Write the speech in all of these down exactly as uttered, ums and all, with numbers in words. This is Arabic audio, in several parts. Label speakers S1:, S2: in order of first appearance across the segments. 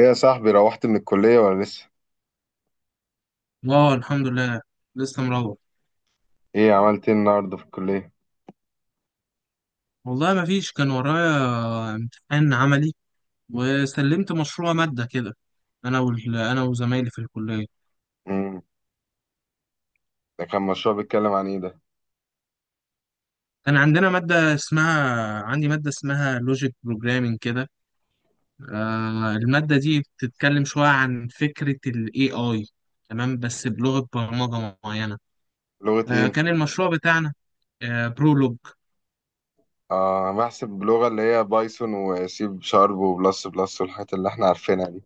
S1: ايه يا صاحبي روحت من الكلية ولا لسه؟
S2: اه، الحمد لله. لسه مروح.
S1: ايه عملت ايه النهاردة في الكلية؟
S2: والله ما فيش، كان ورايا امتحان عملي، وسلمت مشروع مادة كده انا وال... انا وزمايلي في الكلية.
S1: امم. ده كان مشروع بيتكلم عن ايه ده؟
S2: كان عندنا مادة اسمها عندي مادة اسمها لوجيك بروجرامينج كده. آه المادة دي بتتكلم شوية عن فكرة ال ايه آي، تمام، بس بلغة برمجة معينة.
S1: لغة ايه؟
S2: آه كان
S1: انت؟
S2: المشروع بتاعنا آه برولوج.
S1: اه، بحسب بلغة اللي هي بايثون وسي شارب وبلس بلس والحاجات اللي احنا عارفينها دي.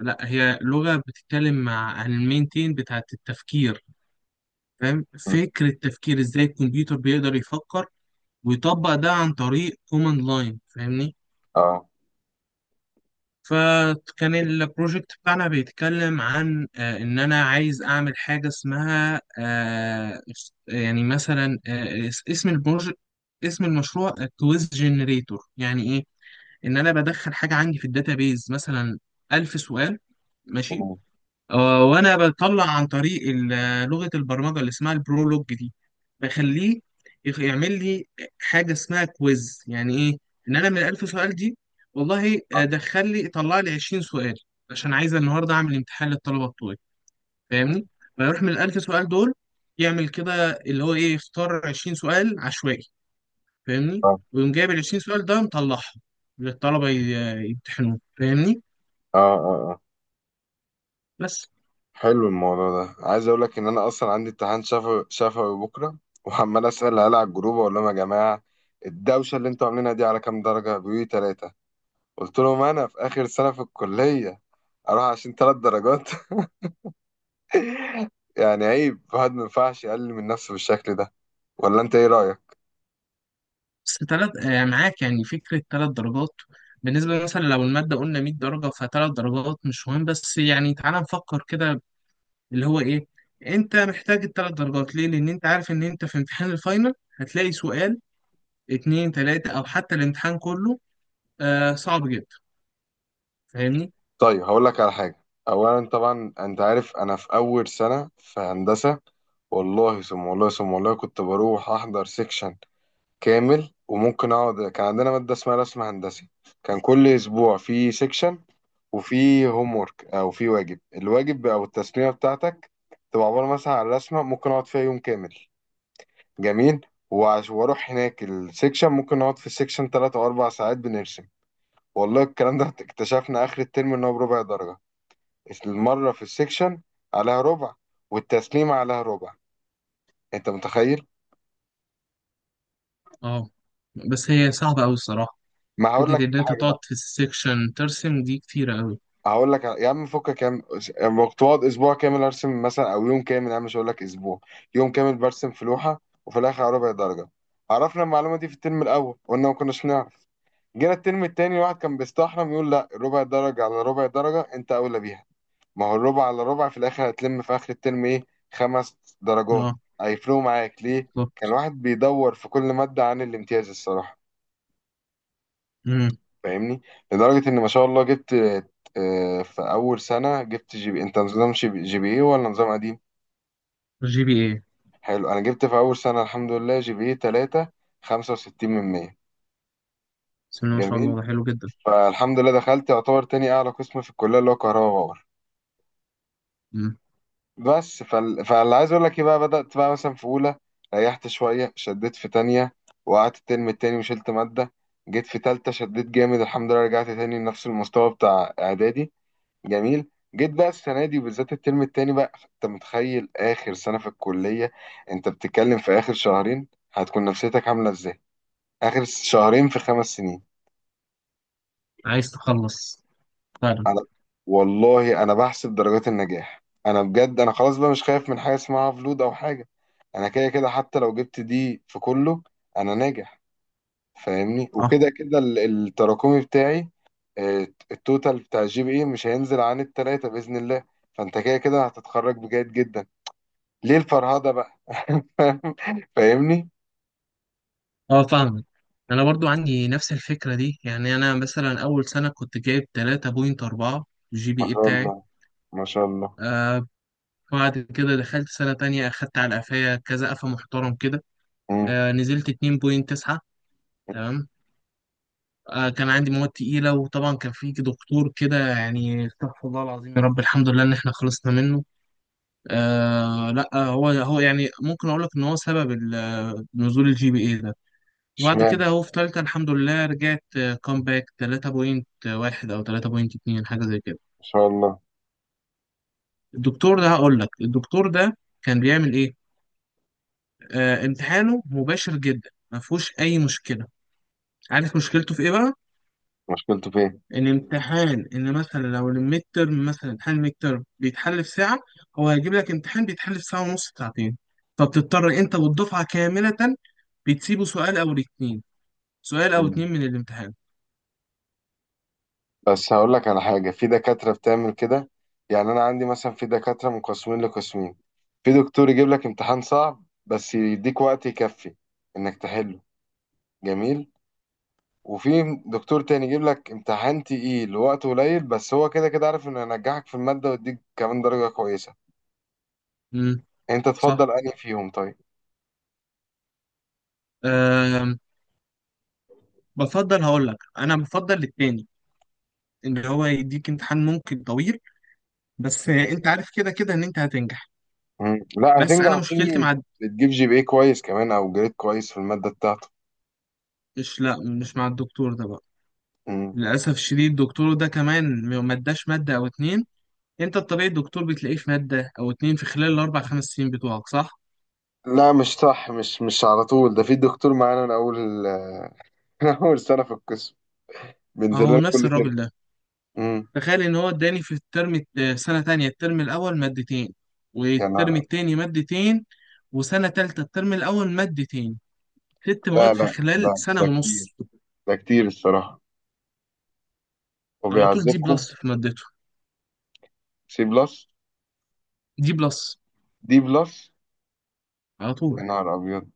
S2: لا، هي لغة بتتكلم مع عن المين تين بتاعة التفكير. فاهم
S1: مم.
S2: فكرة تفكير، ازاي الكمبيوتر بيقدر يفكر ويطبق ده عن طريق كوماند لاين، فاهمني؟
S1: اه.
S2: فكان البروجكت بتاعنا بيتكلم عن، آه، ان انا عايز اعمل حاجة اسمها، آه، يعني مثلا آه، اس- اسم البروجكت، اسم المشروع كويز جنريتور، يعني ايه؟ ان انا بدخل حاجة عندي في الداتابيز، مثلا ألف سؤال، ماشي.
S1: مم.
S2: آه، وانا بطلع عن طريق ال- لغه البرمجه اللي اسمها البرولوج دي، بخليه يخ- يعمل لي حاجه اسمها كويز. يعني ايه؟ ان انا من ألف سؤال دي، والله
S1: اه
S2: آه، دخل لي طلع لي عشرين سؤال، عشان عايز النهارده اعمل امتحان للطلبه بتوعي، فاهمني؟ فيروح من ال ألف سؤال دول، يعمل كده اللي هو ايه، يختار عشرين سؤال عشوائي، فاهمني؟
S1: اه
S2: ويقوم جايب ال عشرين سؤال ده، مطلعهم للطلبه ي- يمتحنوه، فاهمني؟
S1: اه اه.
S2: بس
S1: حلو الموضوع ده، عايز اقول لك ان انا اصلا عندي امتحان شفوي شفوي بكرة، وعمال اسأل العيال على الجروب، اقول لهم يا جماعة الدوشة اللي انتوا عاملينها دي على كام درجة؟ بيقولوا لي تلاتة. قلت لهم انا في اخر سنة في الكلية اروح عشان تلات درجات؟ يعني عيب، الواحد ما ينفعش يقلل من نفسه بالشكل ده، ولا انت ايه رأيك؟
S2: بس تلات، آه، معاك؟ يعني فكرة تلات درجات بالنسبة، مثلا لو المادة قلنا مية درجة، فتلات درجات مش مهم. بس يعني تعالى نفكر كده، اللي هو إيه؟ أنت محتاج التلات درجات ليه؟ لأن أنت عارف إن أنت في امتحان الفاينل هتلاقي سؤال، اتنين، تلاتة، أو حتى الامتحان كله آه صعب جدا، فاهمني؟
S1: طيب هقول لك على حاجة. اولا طبعا انت عارف انا في اول سنة في هندسة، والله ثم والله ثم والله كنت بروح احضر سيكشن كامل، وممكن اقعد. كان عندنا مادة اسمها رسم هندسي، كان كل اسبوع في سيكشن، وفي هوم ورك او في واجب. الواجب او التسليمة بتاعتك تبقى عبارة مثلا عن رسمة ممكن اقعد فيها يوم كامل. جميل. وعش- واروح هناك السيكشن، ممكن اقعد في السيكشن ثلاث او اربعة ساعات بنرسم. والله الكلام ده اكتشفنا آخر الترم إن هو بربع درجة. المرة في السكشن عليها ربع، والتسليم عليها ربع. أنت متخيل؟
S2: أه، بس هي صعبة أوي الصراحة.
S1: ما هقول
S2: فكرة
S1: لك
S2: إن
S1: على
S2: أنت
S1: حاجة
S2: تقعد
S1: بقى.
S2: في السكشن ترسم دي كتيرة أوي.
S1: هقول لك على- يا عم فكك يا عم. أما كنت بقعد أسبوع كامل أرسم، مثلا أو يوم كامل، يا عم مش هقول لك أسبوع، يوم كامل برسم في لوحة، وفي الآخر على ربع درجة. عرفنا المعلومة دي في الترم الأول، قلنا ما كناش نعرف. جينا الترم التاني واحد كان بيستحرم يقول لا، ربع درجة على ربع درجة أنت أولى بيها. ما هو الربع على ربع في الاخر هتلم في اخر الترم ايه؟ خمس درجات،
S2: أه،
S1: هيفرقوا معاك ليه؟
S2: بالظبط.
S1: كان واحد بيدور في كل مادة عن الامتياز الصراحة، فاهمني؟ لدرجة ان ما شاء الله جبت آه، في اول سنة جبت جي بي إيه. انت نظام جي بي جي بي ايه ولا نظام قديم؟
S2: جي بي إيه.
S1: حلو. انا جبت في اول سنة الحمد لله جي بي ايه ثلاثة خمسة وستين من مية.
S2: بسم الله ما شاء
S1: جميل.
S2: الله، ده حلو جدا.
S1: فالحمد لله دخلت، يعتبر تاني اعلى قسم في الكلية اللي هو كهرباء باور.
S2: مم.
S1: بس فال... فاللي عايز اقول لك ايه بقى، بدأت بقى مثلا في اولى، ريحت شوية، شديت في تانية، وقعدت الترم التاني وشلت مادة. جيت في تالتة شديت جامد الحمد لله، رجعت تاني لنفس المستوى بتاع اعدادي. جميل. جيت بقى السنة دي وبالذات الترم التاني بقى، انت متخيل اخر سنة في الكلية، انت بتتكلم في اخر شهرين، هتكون نفسيتك عاملة ازاي؟ اخر شهرين في خمس سنين.
S2: عايز تخلص، فعلا.
S1: انا والله انا بحسب درجات النجاح، انا بجد انا خلاص بقى مش خايف من حاجه اسمها فلود او حاجه. انا كده كده حتى لو جبت دي في كله انا ناجح، فاهمني؟ وكده كده ال- التراكمي بتاعي آه، التوتال بتاع الجي بي اي مش هينزل عن التلاتة باذن الله. فانت كده كده هتتخرج بجيد جدا، ليه الفرهده بقى؟ فاهمني؟
S2: اه، فاهمك. انا برضو عندي نفس الفكره دي، يعني انا مثلا اول سنه كنت جايب ثلاثة فاصلة اربعة، الجي بي
S1: ما
S2: اي
S1: شاء
S2: بتاعي.
S1: الله، ما شاء الله.
S2: آه بعد كده دخلت سنه تانية، اخدت على قفايا كذا قفا محترم كده.
S1: مم.
S2: آه نزلت اتنين فاصلة تسعة، تمام. آه كان عندي مواد تقيله، وطبعا كان في دكتور كده يعني استغفر الله العظيم، يا رب الحمد لله ان احنا خلصنا منه. آه لا، هو هو يعني ممكن اقول لك ان هو سبب ال- نزول الجي بي اي ده. وبعد
S1: اشمعنى؟
S2: كده هو في تالتة الحمد لله، رجعت كومباك ثلاثة فاصلة واحد أو ثلاثة فاصلة اثنين، حاجة زي كده.
S1: ما شاء الله.
S2: الدكتور ده هقول لك، الدكتور ده كان بيعمل إيه؟ آه امتحانه مباشر جدا، ما فيهوش أي مشكلة. عارف مشكلته في إيه بقى؟
S1: مشكلته فين؟
S2: إن امتحان إن مثلا لو الميد ترم، مثلا امتحان الميد ترم بيتحل في ساعة، هو هيجيب لك امتحان بيتحل في ساعة ونص، ساعتين. فبتضطر أنت والدفعة كاملة بتسيبه سؤال أو اتنين، سؤال أو اتنين من الامتحان.
S1: بس هقول لك على حاجة، في دكاترة بتعمل كده. يعني أنا عندي مثلا في دكاترة من قسمين لقسمين. في دكتور يجيب لك امتحان صعب بس يديك وقت يكفي إنك تحله، جميل. وفي دكتور تاني يجيب لك امتحان تقيل وقت قليل، بس هو كده كده عارف إنه ينجحك في المادة ويديك كمان درجة كويسة.
S2: امم،
S1: أنت
S2: صح.
S1: تفضل أنهي فيهم طيب؟
S2: بفضل، هقول لك انا بفضل التاني، ان هو يديك امتحان ممكن طويل، بس انت عارف كده كده ان انت هتنجح.
S1: مم. لا
S2: بس انا
S1: هتنجح
S2: مشكلتي
S1: فيه،
S2: مع،
S1: بتجيب جي بي اي كويس كمان أو جريد كويس في المادة بتاعته.
S2: مش، لا، مش مع الدكتور ده بقى.
S1: مم.
S2: للاسف الشديد الدكتور ده كمان ما اداش ماده او اتنين. انت الطبيعي الدكتور بتلاقيه في ماده او اتنين في خلال الاربع خمس سنين بتوعك، صح؟
S1: لا مش صح، مش مش على طول. ده في دكتور معانا من أول أول سنة في القسم، بينزل
S2: اهو
S1: لنا
S2: نفس
S1: كل ترم.
S2: الراجل ده.
S1: امم.
S2: تخيل ان هو اداني في الترم الت- سنه تانية الترم الاول مادتين،
S1: يعني
S2: والترم
S1: أنا-
S2: التاني مادتين، وسنه تالتة الترم الاول مادتين. ست
S1: لا
S2: مواد في
S1: لا،
S2: خلال
S1: ده
S2: سنه
S1: ده
S2: ونص.
S1: كتير. ده كتير الصراحة،
S2: على طول دي
S1: وبيعذبكم.
S2: بلس في مادته.
S1: سي بلس.
S2: دي بلس،
S1: دي بلس.
S2: على
S1: يا
S2: طول.
S1: نهار أبيض.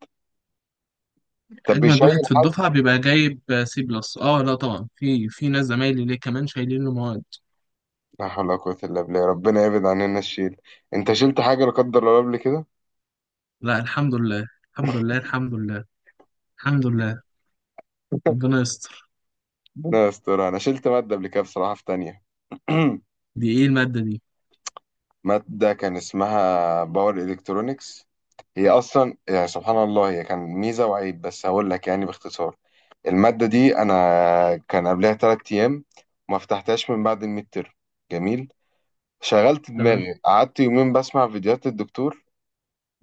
S1: طب
S2: اجمد
S1: بيشيل
S2: واحد في
S1: حد؟
S2: الدفعه بيبقى جايب سي بلس. اه، لا طبعا، في في ناس زمايلي ليه كمان شايلين له مواد.
S1: لا حول ولا قوة إلا بالله، ربنا يبعد عننا الشيل. أنت شلت حاجة لا قدر الله قبل كده؟
S2: لا، الحمد لله، الحمد لله، الحمد لله. الحمد لله. ربنا يستر.
S1: ربنا يستر. أنا شلت مادة قبل كده بصراحة في تانية.
S2: دي ايه الماده دي؟
S1: مادة كان اسمها باور إلكترونكس، هي أصلا يعني سبحان الله هي كان ميزة وعيب، بس هقول لك يعني باختصار. المادة دي أنا كان قبلها تلات أيام ما فتحتهاش من بعد الميد تيرم. جميل. شغلت
S2: تمام.
S1: دماغي، قعدت يومين بسمع فيديوهات الدكتور.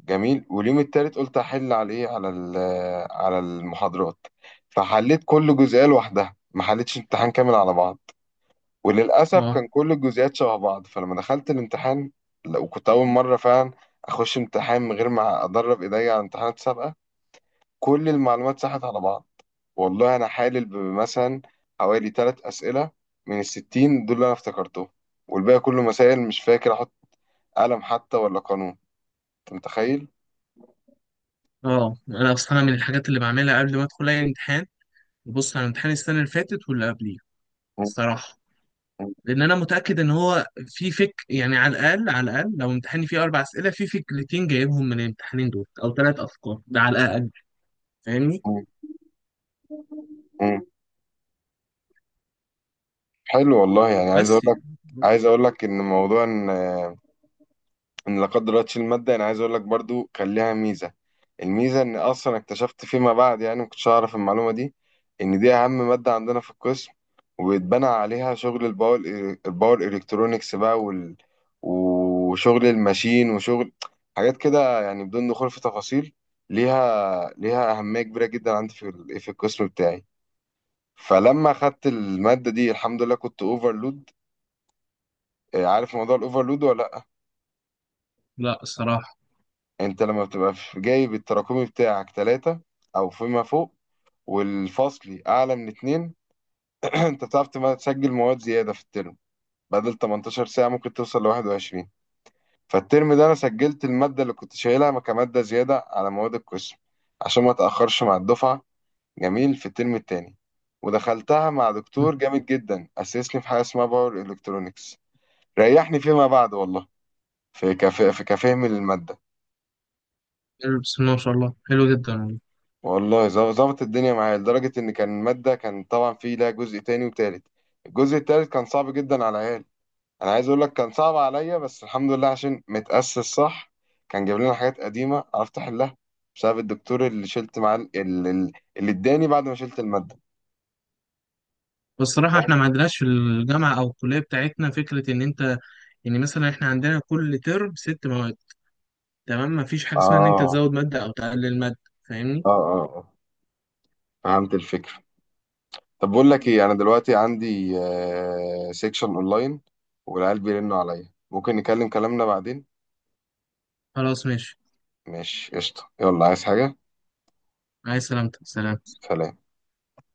S1: جميل. واليوم التالت قلت أحل على إيه، على ال- على المحاضرات. فحليت كل جزئية لوحدها، ما حليتش امتحان كامل على بعض. وللأسف
S2: اه،
S1: كان كل الجزئيات شبه بعض، فلما دخلت الامتحان، لا، وكنت أول مرة فعلا أخش امتحان من غير ما أدرب إيديا على امتحانات سابقة، كل المعلومات ساحت على بعض. والله انا حالل بمثلا حوالي ثلاث اسئله من الستين دول اللي انا افتكرتهم، والباقي كله مسائل مش فاكر احط قلم حتى ولا قانون. انت متخيل؟
S2: اه، انا اصلا، أنا من الحاجات اللي بعملها قبل ما ادخل اي امتحان ببص على امتحان السنه اللي فاتت واللي قبليه،
S1: مم.
S2: الصراحه. لان انا متاكد ان هو في فك، يعني على الاقل، على الاقل لو امتحاني فيه اربع اسئله في فكرتين جايبهم من الامتحانين دول او ثلاث افكار ده، على الاقل، فاهمني؟
S1: مم. مم. حلو والله، يعني عايز اقول
S2: بس
S1: لك،
S2: يعني.
S1: عايز اقول لك ان موضوع إن ان لا قدر الله تشيل ماده، انا عايز اقول لك برضو كان ليها ميزه. الميزه ان اصلا اكتشفت فيما بعد، يعني ما كنتش اعرف المعلومه دي، ان دي اهم ماده عندنا في القسم، واتبنى عليها شغل الباور، الباور الكترونكس بقى وال... وشغل الماشين وشغل حاجات كده، يعني بدون دخول في تفاصيل. ليها ليها اهميه كبيره جدا عندي في ال- في القسم بتاعي. فلما اخدت الماده دي الحمد لله كنت اوفرلود. عارف موضوع الاوفرلود ولا لأ؟
S2: لا، الصراحة.
S1: انت لما بتبقى في جايب التراكمي بتاعك ثلاثة او فيما فوق، والفصلي اعلى من اتنين، انت بتعرف تم- تسجل مواد زيادة في الترم، بدل تمنتاشر ساعة ممكن توصل ل واحد وعشرين. فالترم ده انا سجلت المادة اللي كنت شايلها كمادة زيادة على مواد القسم، عشان ما اتأخرش مع الدفعة. جميل. في الترم التاني ودخلتها مع
S2: مم.
S1: دكتور جامد جدا، اسسني في حاجة اسمها باور الكترونكس. ريحني فيما بعد والله، في كف... في كفهم للمادة.
S2: بسم الله ما شاء الله، حلو جدا والله.
S1: والله ظب- ظبط الدنيا معايا، لدرجة إن كان مادة، كان طبعا فيه لها جزء تاني وتالت. الجزء التالت كان صعب جدا على العيال، أنا عايز أقول لك كان صعب عليا، بس الحمد لله عشان متأسس صح، كان جايب لنا حاجات قديمة عرفت أحلها، بسبب الدكتور اللي شلت معاه ال- ال- اللي إداني بعد ما شلت المادة.
S2: بس الصراحة، احنا
S1: فاهم؟
S2: ما عندناش في الجامعة أو الكلية بتاعتنا فكرة إن أنت، يعني مثلا احنا عندنا كل ترم ست مواد، تمام. ما فيش حاجة اسمها إن أنت
S1: آه
S2: تزود مادة أو تقلل مادة، فاهمني.
S1: آه آه آه. فهمت الفكرة. طب بقول لك
S2: مم.
S1: إيه، أنا دلوقتي عندي آه سيكشن أونلاين، والعيال بيرنوا عليا، ممكن نكلم كلامنا بعدين.
S2: خلاص ماشي.
S1: ماشي قشطة، يلا عايز حاجة؟
S2: عايز سلامتك، سلام.
S1: سلام.